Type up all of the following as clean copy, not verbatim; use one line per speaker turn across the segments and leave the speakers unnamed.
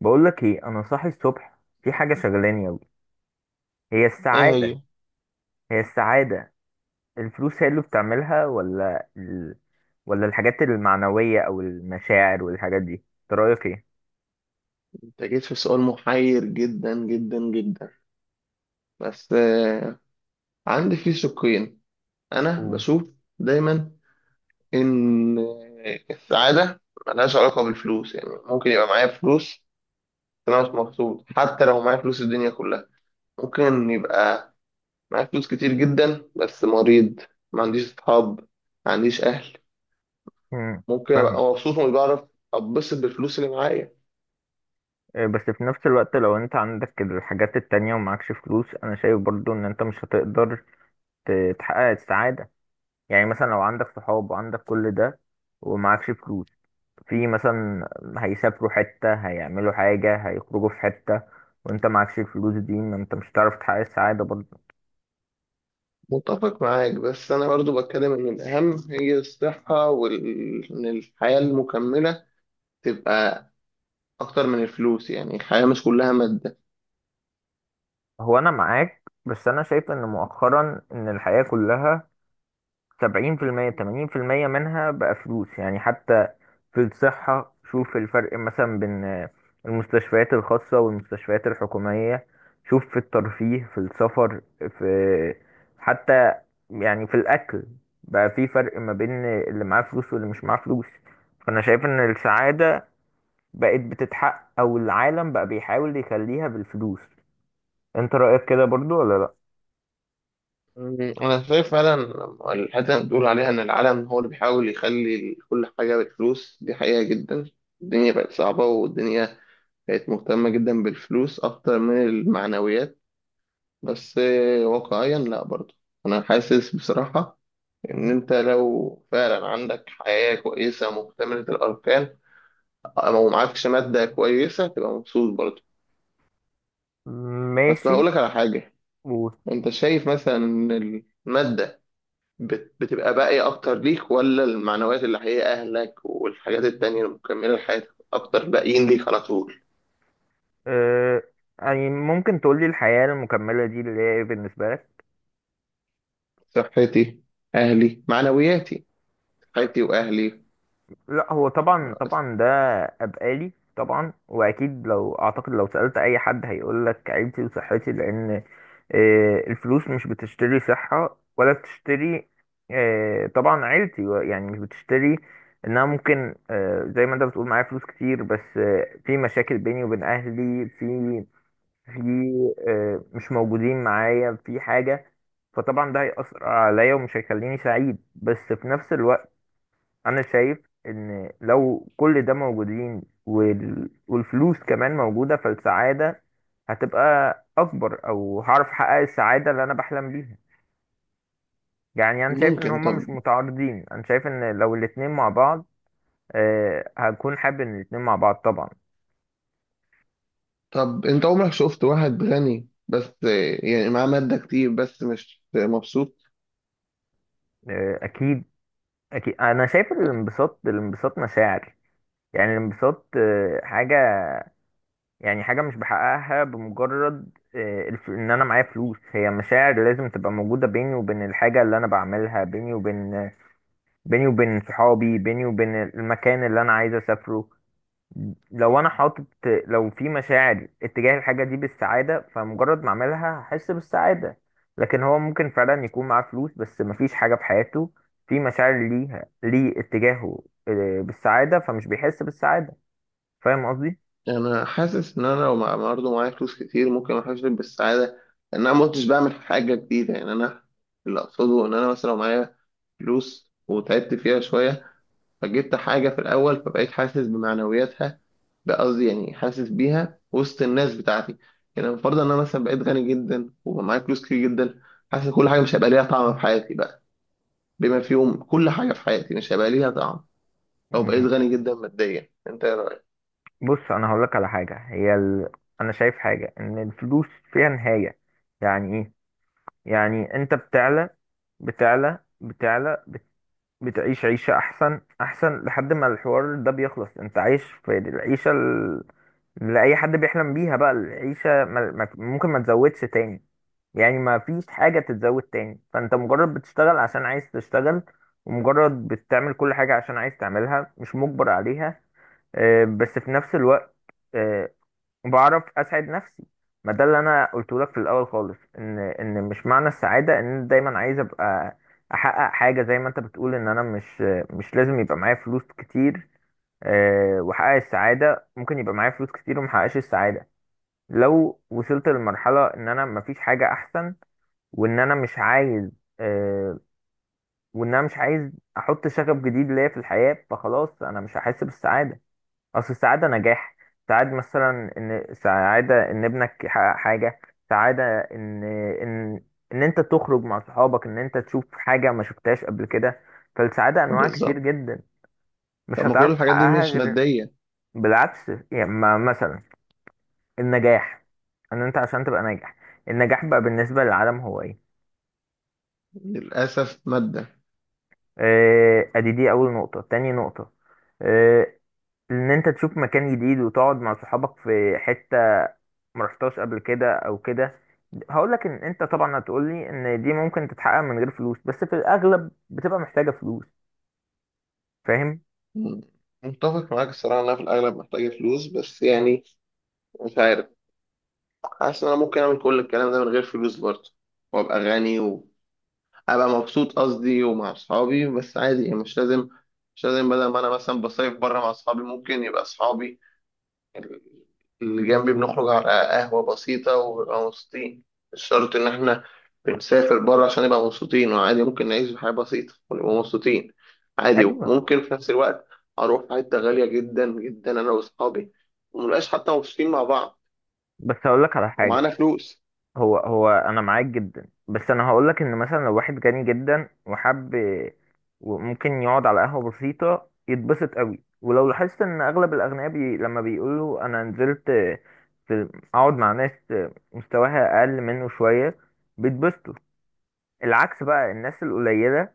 بقول لك ايه، انا صاحي الصبح في حاجه شغلاني قوي. هي
ايه
السعاده.
هي؟
هي السعاده. الفلوس هي اللي بتعملها ولا ولا الحاجات المعنويه او المشاعر والحاجات دي؟ انت رايك ايه؟
انت جيت في سؤال محير جدا جدا جدا. بس عندي فيه شقين. انا
و-
بشوف دايما ان السعادة ملهاش علاقة بالفلوس. يعني ممكن يبقى معايا فلوس بس انا مش مبسوط، حتى لو معايا فلوس الدنيا كلها. ممكن يبقى معايا فلوس كتير جدا بس مريض، ما عنديش اصحاب، ما عنديش اهل.
امم.
ممكن ابقى
فاهمك.
مبسوط ومش بعرف اتبسط بالفلوس اللي معايا.
إيه، بس في نفس الوقت لو انت عندك الحاجات التانية ومعكش فلوس، انا شايف برضو ان انت مش هتقدر تحقق السعاده. يعني مثلا لو عندك صحاب وعندك كل ده ومعكش فلوس، في مثلا هيسافروا حتة، هيعملوا حاجة، هيخرجوا في حتة، وانت معكش الفلوس دي، ما انت مش هتعرف تحقق السعادة برضه.
متفق معاك، بس أنا برضو بتكلم إن الأهم هي الصحة، وإن الحياة المكملة تبقى أكتر من الفلوس. يعني الحياة مش كلها مادة.
هو انا معاك، بس انا شايف ان مؤخرا ان الحياة كلها 70% 80% منها بقى فلوس، يعني حتى في الصحة شوف الفرق مثلا بين المستشفيات الخاصة والمستشفيات الحكومية. شوف في الترفيه، في السفر، في، حتى يعني في الأكل، بقى في فرق ما بين اللي معاه فلوس واللي مش معاه فلوس. فأنا شايف إن السعادة بقت بتتحقق، أو العالم بقى بيحاول يخليها بالفلوس. أنت رأيك كده برضو ولا لأ؟
أنا شايف فعلا لما الحتة اللي بتقول عليها إن العالم هو اللي بيحاول يخلي كل حاجة بالفلوس، دي حقيقة جدا. الدنيا بقت صعبة، والدنيا بقت مهتمة جدا بالفلوس أكتر من المعنويات. بس واقعيا لأ برضو. أنا حاسس بصراحة إن أنت لو فعلا عندك حياة كويسة مكتملة الأركان، لو معكش مادة كويسة تبقى مبسوط برضه. بس هقول
ماشي.
لك على حاجة،
و...
انت شايف مثلا ان المادة بتبقى باقية اكتر ليك، ولا المعنويات اللي هي اهلك والحاجات التانية المكملة لحياتك اكتر باقيين ليك على طول؟
آه... يعني ممكن تقولي الحياة المكملة دي اللي هي إيه بالنسبة لك؟
صحتي، اهلي، معنوياتي. صحتي واهلي.
لا هو طبعا طبعا ده ابقالي طبعا، واكيد لو اعتقد لو سألت اي حد هيقول لك عيلتي وصحتي، لان الفلوس مش بتشتري صحة ولا بتشتري، طبعا عيلتي يعني مش بتشتري. انها ممكن زي ما انت بتقول، معايا فلوس كتير بس في مشاكل بيني وبين اهلي، في، في، مش موجودين معايا في حاجة، فطبعا ده هيأثر عليا ومش هيخليني سعيد. بس في نفس الوقت انا شايف ان لو كل ده موجودين والفلوس كمان موجودة، فالسعادة هتبقى اكبر، او هعرف احقق السعادة اللي انا بحلم بيها. يعني انا شايف ان
ممكن.
هما
طب.
مش متعارضين، انا شايف ان لو الاتنين مع بعض، أه هكون حابب ان الاتنين مع بعض طبعا.
طب انت عمرك شفت واحد غني بس، يعني معاه مادة كتير بس مش مبسوط؟
أه اكيد. اكيد انا شايف الانبساط. الانبساط مشاعر، يعني الانبساط أه حاجة، يعني حاجة مش بحققها بمجرد ان انا معايا فلوس. هي مشاعر لازم تبقى موجودة بيني وبين الحاجة اللي انا بعملها، بيني وبين، بيني وبين صحابي، بيني وبين المكان اللي انا عايز اسافره. لو انا حاطط، لو في مشاعر اتجاه الحاجة دي بالسعادة، فمجرد ما اعملها هحس بالسعادة. لكن هو ممكن فعلا يكون معاه فلوس بس مفيش حاجة في حياته، في مشاعر ليها اتجاهه بالسعادة، فمش بيحس بالسعادة. فاهم قصدي؟
انا حاسس ان انا لو برضه معايا فلوس كتير ممكن احس بالسعاده، لان انا ما كنتش بعمل حاجه جديده. يعني انا اللي اقصده ان انا مثلا لو معايا فلوس وتعبت فيها شويه، فجبت حاجه في الاول، فبقيت حاسس بمعنوياتها. بقصدي يعني حاسس بيها وسط الناس بتاعتي. يعني المفروض ان انا مثلا بقيت غني جدا وبقى معايا فلوس كتير جدا، حاسس كل حاجه مش هيبقى ليها طعم في حياتي بقى. بما فيهم كل حاجه في حياتي مش هيبقى ليها طعم لو بقيت غني جدا ماديا. انت ايه رايك؟
بص انا هقول لك على حاجه. هي انا شايف حاجه ان الفلوس فيها نهايه. يعني ايه؟ يعني انت بتعلى، بتعلى، بتعيش عيشه احسن احسن لحد ما الحوار ده بيخلص. انت عايش في العيشه اللي اي حد بيحلم بيها، بقى العيشه ما... ما... ممكن ما تزودش تاني، يعني ما فيش حاجه تتزود تاني، فانت مجرد بتشتغل عشان عايز تشتغل، ومجرد بتعمل كل حاجه عشان عايز تعملها، مش مجبر عليها. بس في نفس الوقت آه، وبعرف اسعد نفسي. ما ده اللي انا قلته لك في الاول خالص، ان مش معنى السعاده ان أنا دايما عايز ابقى احقق حاجه. زي ما انت بتقول، ان انا مش، مش لازم يبقى معايا فلوس كتير واحقق السعاده. ممكن يبقى معايا فلوس كتير ومحققش السعاده، لو وصلت لمرحله ان انا مفيش حاجه احسن، وان انا مش عايز آه، وان انا مش عايز احط شغف جديد ليا في الحياه، فخلاص انا مش هحس بالسعاده. اصل السعاده نجاح. سعاد مثلا، ان سعاده ان ابنك يحقق حاجه، سعاده ان، ان، ان انت تخرج مع صحابك، ان انت تشوف حاجه ما شفتهاش قبل كده. فالسعاده انواع كتير
بالظبط.
جدا،
طب
مش
ما كل
هتعرف
الحاجات دي
تحققها
مش
غير.
ماديه.
بالعكس، يعني مثلا النجاح، ان انت عشان تبقى ناجح، النجاح بقى بالنسبه للعالم هو ايه؟
للأسف مادة.
ادي دي اول نقطه. تاني نقطه، آه، ان انت تشوف مكان جديد وتقعد مع صحابك في حته ما رحتهاش قبل كده او كده. هقول لك ان انت طبعا هتقول لي ان دي ممكن تتحقق من غير فلوس، بس في الاغلب بتبقى محتاجه فلوس. فاهم؟
مم. متفق معاك الصراحة إن أنا في الأغلب محتاجة فلوس، بس يعني مش عارف. حاسس إن أنا ممكن أعمل كل الكلام ده من غير فلوس برضه، وأبقى غني، وأبقى مبسوط قصدي ومع أصحابي. بس عادي يعني مش لازم بدل ما أنا مثلا بصيف بره مع أصحابي، ممكن يبقى أصحابي اللي جنبي بنخرج على قهوة بسيطة ونبقى مبسوطين. مش شرط إن إحنا بنسافر بره عشان نبقى مبسوطين. وعادي ممكن نعيش حياة بسيطة ونبقى مبسوطين. عادي.
ايوه.
وممكن في نفس الوقت أروح في حتة غالية جدا جدا أنا وأصحابي، ومنبقاش حتى مبسوطين مع بعض
بس هقول لك على حاجه.
ومعانا فلوس.
هو انا معاك جدا، بس انا هقول لك ان مثلا لو واحد غني جدا وحب، وممكن يقعد على قهوه بسيطه يتبسط قوي. ولو لاحظت ان اغلب الاغنياء لما بيقولوا انا نزلت في، اقعد مع ناس مستواها اقل منه شويه، بيتبسطوا. العكس بقى الناس القليلة،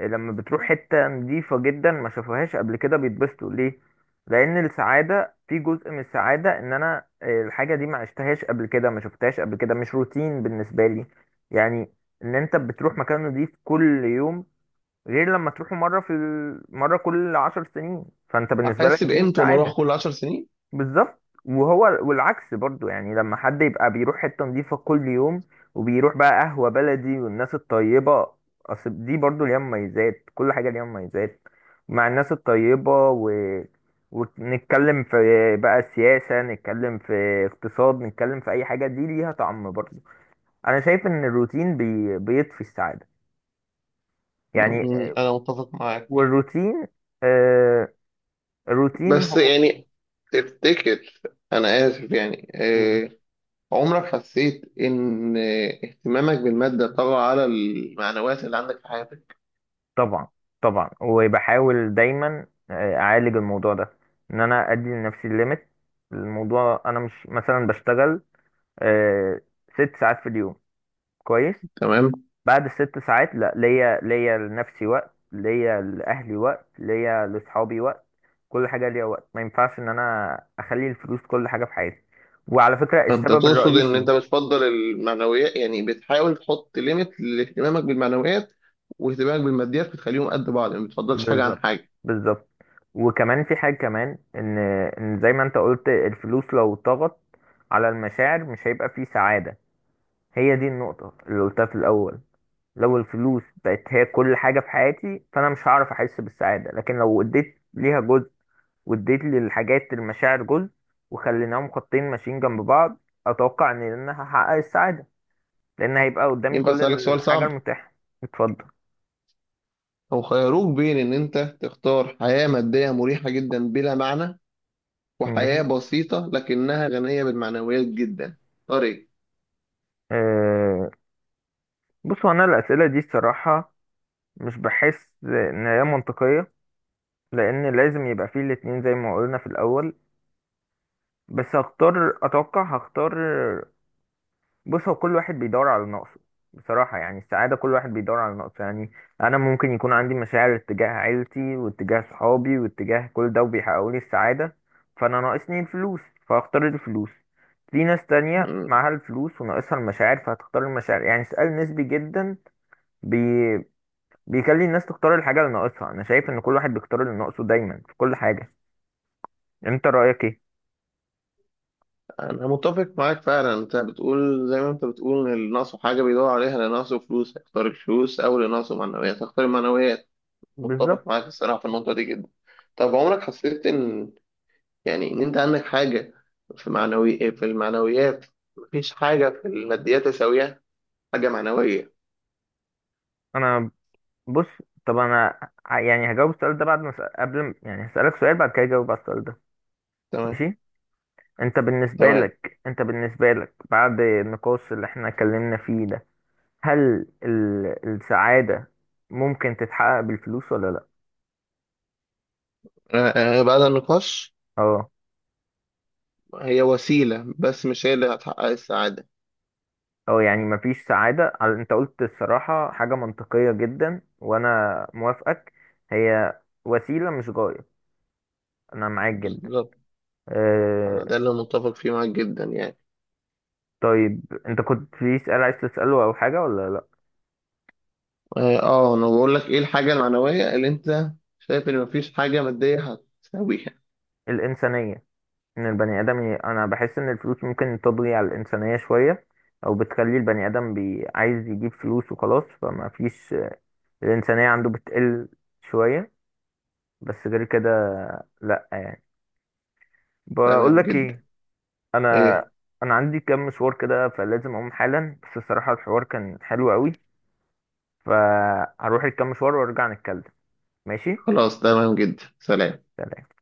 لما بتروح حتة نظيفة جدا ما شافوهاش قبل كده بيتبسطوا. ليه؟ لأن السعادة في، جزء من السعادة إن أنا الحاجة دي ما عشتهاش قبل كده، ما شفتهاش قبل كده، مش روتين بالنسبة لي. يعني إن أنت بتروح مكان نظيف كل يوم، غير لما تروحه مرة في مرة كل 10 سنين. فأنت بالنسبة
هحس
لك دي
بقيمته لما أروح
سعادة.
كل 10 سنين.
بالظبط. وهو والعكس برضو، يعني لما حد يبقى بيروح حتة نظيفة كل يوم، وبيروح بقى قهوة بلدي والناس الطيبة، أصل دي برضو ليها مميزات، كل حاجة ليها مميزات. مع الناس الطيبة ونتكلم في، بقى سياسة، نتكلم في اقتصاد، نتكلم في أي حاجة، دي ليها طعم برضو. أنا شايف إن الروتين بيطفي السعادة، يعني
أنا متفق معاك.
والروتين آه، الروتين
بس
هو،
يعني تفتكر، أنا آسف يعني، عمرك حسيت إن اهتمامك بالمادة طغى على المعنويات اللي عندك في حياتك؟
طبعا. طبعا وبحاول دايما اعالج الموضوع ده، ان انا ادي لنفسي الليميت. الموضوع، انا مش مثلا بشتغل آه، 6 ساعات في اليوم، كويس،
تمام؟
بعد ال6 ساعات لا، ليا، ليا لنفسي وقت، ليا لاهلي وقت، ليا لاصحابي وقت، كل حاجه ليا وقت. ما ينفعش ان انا اخلي الفلوس كل حاجه في حياتي. وعلى فكره
فأنت
السبب
تقصد إن
الرئيسي،
أنت بتفضل المعنويات؟ يعني بتحاول تحط ليميت لاهتمامك بالمعنويات واهتمامك بالماديات، بتخليهم قد بعض يعني ما بتفضلش حاجة عن
بالظبط.
حاجة.
بالظبط. وكمان في حاجة كمان، ان زي ما انت قلت، الفلوس لو طغت على المشاعر مش هيبقى في سعادة. هي دي النقطة اللي قلتها في الأول. لو الفلوس بقت هي كل حاجة في حياتي، فأنا مش هعرف أحس بالسعادة. لكن لو اديت ليها جزء، واديت للحاجات المشاعر جزء، وخليناهم خطين ماشيين جنب بعض، أتوقع إن أنا هحقق السعادة، لأن هيبقى قدامي
ينفع
كل
أسألك سؤال
الحاجة
صعب؟
المتاحة. اتفضل.
لو خيروك بين إن أنت تختار حياة مادية مريحة جدا بلا معنى، وحياة
ماشي.
بسيطة لكنها غنية بالمعنويات جدا، اختار إيه؟
أه. بصوا، أنا الأسئلة دي الصراحة مش بحس ان هي منطقية، لان لازم يبقى فيه الاتنين زي ما قلنا في الاول. بس هختار، اتوقع هختار، بص هو كل واحد بيدور على نقصه بصراحة. يعني السعادة كل واحد بيدور على نقصه، يعني انا ممكن يكون عندي مشاعر اتجاه عيلتي واتجاه صحابي واتجاه كل ده، وبيحققوا لي السعادة، فانا ناقصني الفلوس، فهختار الفلوس. في ناس تانية معاها الفلوس وناقصها المشاعر، فهتختار المشاعر. يعني سؤال نسبي جدا، بيخلي الناس تختار الحاجة اللي ناقصها. أنا شايف إن كل واحد بيختار اللي ناقصه دايما في كل حاجة. أنت رأيك إيه؟
انا متفق معاك فعلا. انت بتقول، زي ما انت بتقول، ان اللي ناقصه حاجه بيدور عليها. اللي ناقصه فلوس هيختار الفلوس، او اللي ناقصه معنويات هيختار المعنويات. متفق
بالظبط.
معاك الصراحه في النقطه دي جدا. طب عمرك حسيت ان، يعني ان انت عندك حاجه في معنوي، في المعنويات، مفيش حاجه في الماديات تساويها؟ حاجه معنويه.
أنا، بص، طب أنا يعني هجاوب السؤال ده بعد ما أسأل- قبل ما- يعني هسألك سؤال بعد كده أجاوب على السؤال ده.
تمام.
ماشي؟ أنت بالنسبة
تمام.
لك، أنت بالنسبة لك بعد النقاش اللي إحنا اتكلمنا فيه ده، هل السعادة ممكن تتحقق بالفلوس ولا لأ؟
آه، بعد النقاش،
أه.
هي وسيله بس مش هي اللي هتحقق السعاده.
او يعني مفيش سعادة انت قلت الصراحة حاجة منطقية جدا وانا موافقك. هي وسيلة مش غاية. انا معاك جدا.
بالظبط.
أه.
انا ده اللي متفق فيه معاك جدا يعني.
طيب انت كنت في سؤال عايز تسأله او حاجة ولا لا؟
اه انا بقول لك ايه الحاجة المعنوية اللي انت شايف ان مفيش حاجة مادية هتساويها؟
الانسانية. ان البني ادم انا بحس ان الفلوس ممكن تضغي على الانسانية شوية، او بتخلي البني ادم عايز يجيب فلوس وخلاص، فما فيش، الانسانية عنده بتقل شوية. بس غير كده لا، يعني. بقول
تمام
لك ايه،
جدا.
انا
ايه.
انا عندي كام مشوار كده فلازم اقوم حالا. بس الصراحة الحوار كان حلو قوي، فهروح الكام مشوار وارجع نتكلم. ماشي.
خلاص تمام جدا، سلام.
سلام.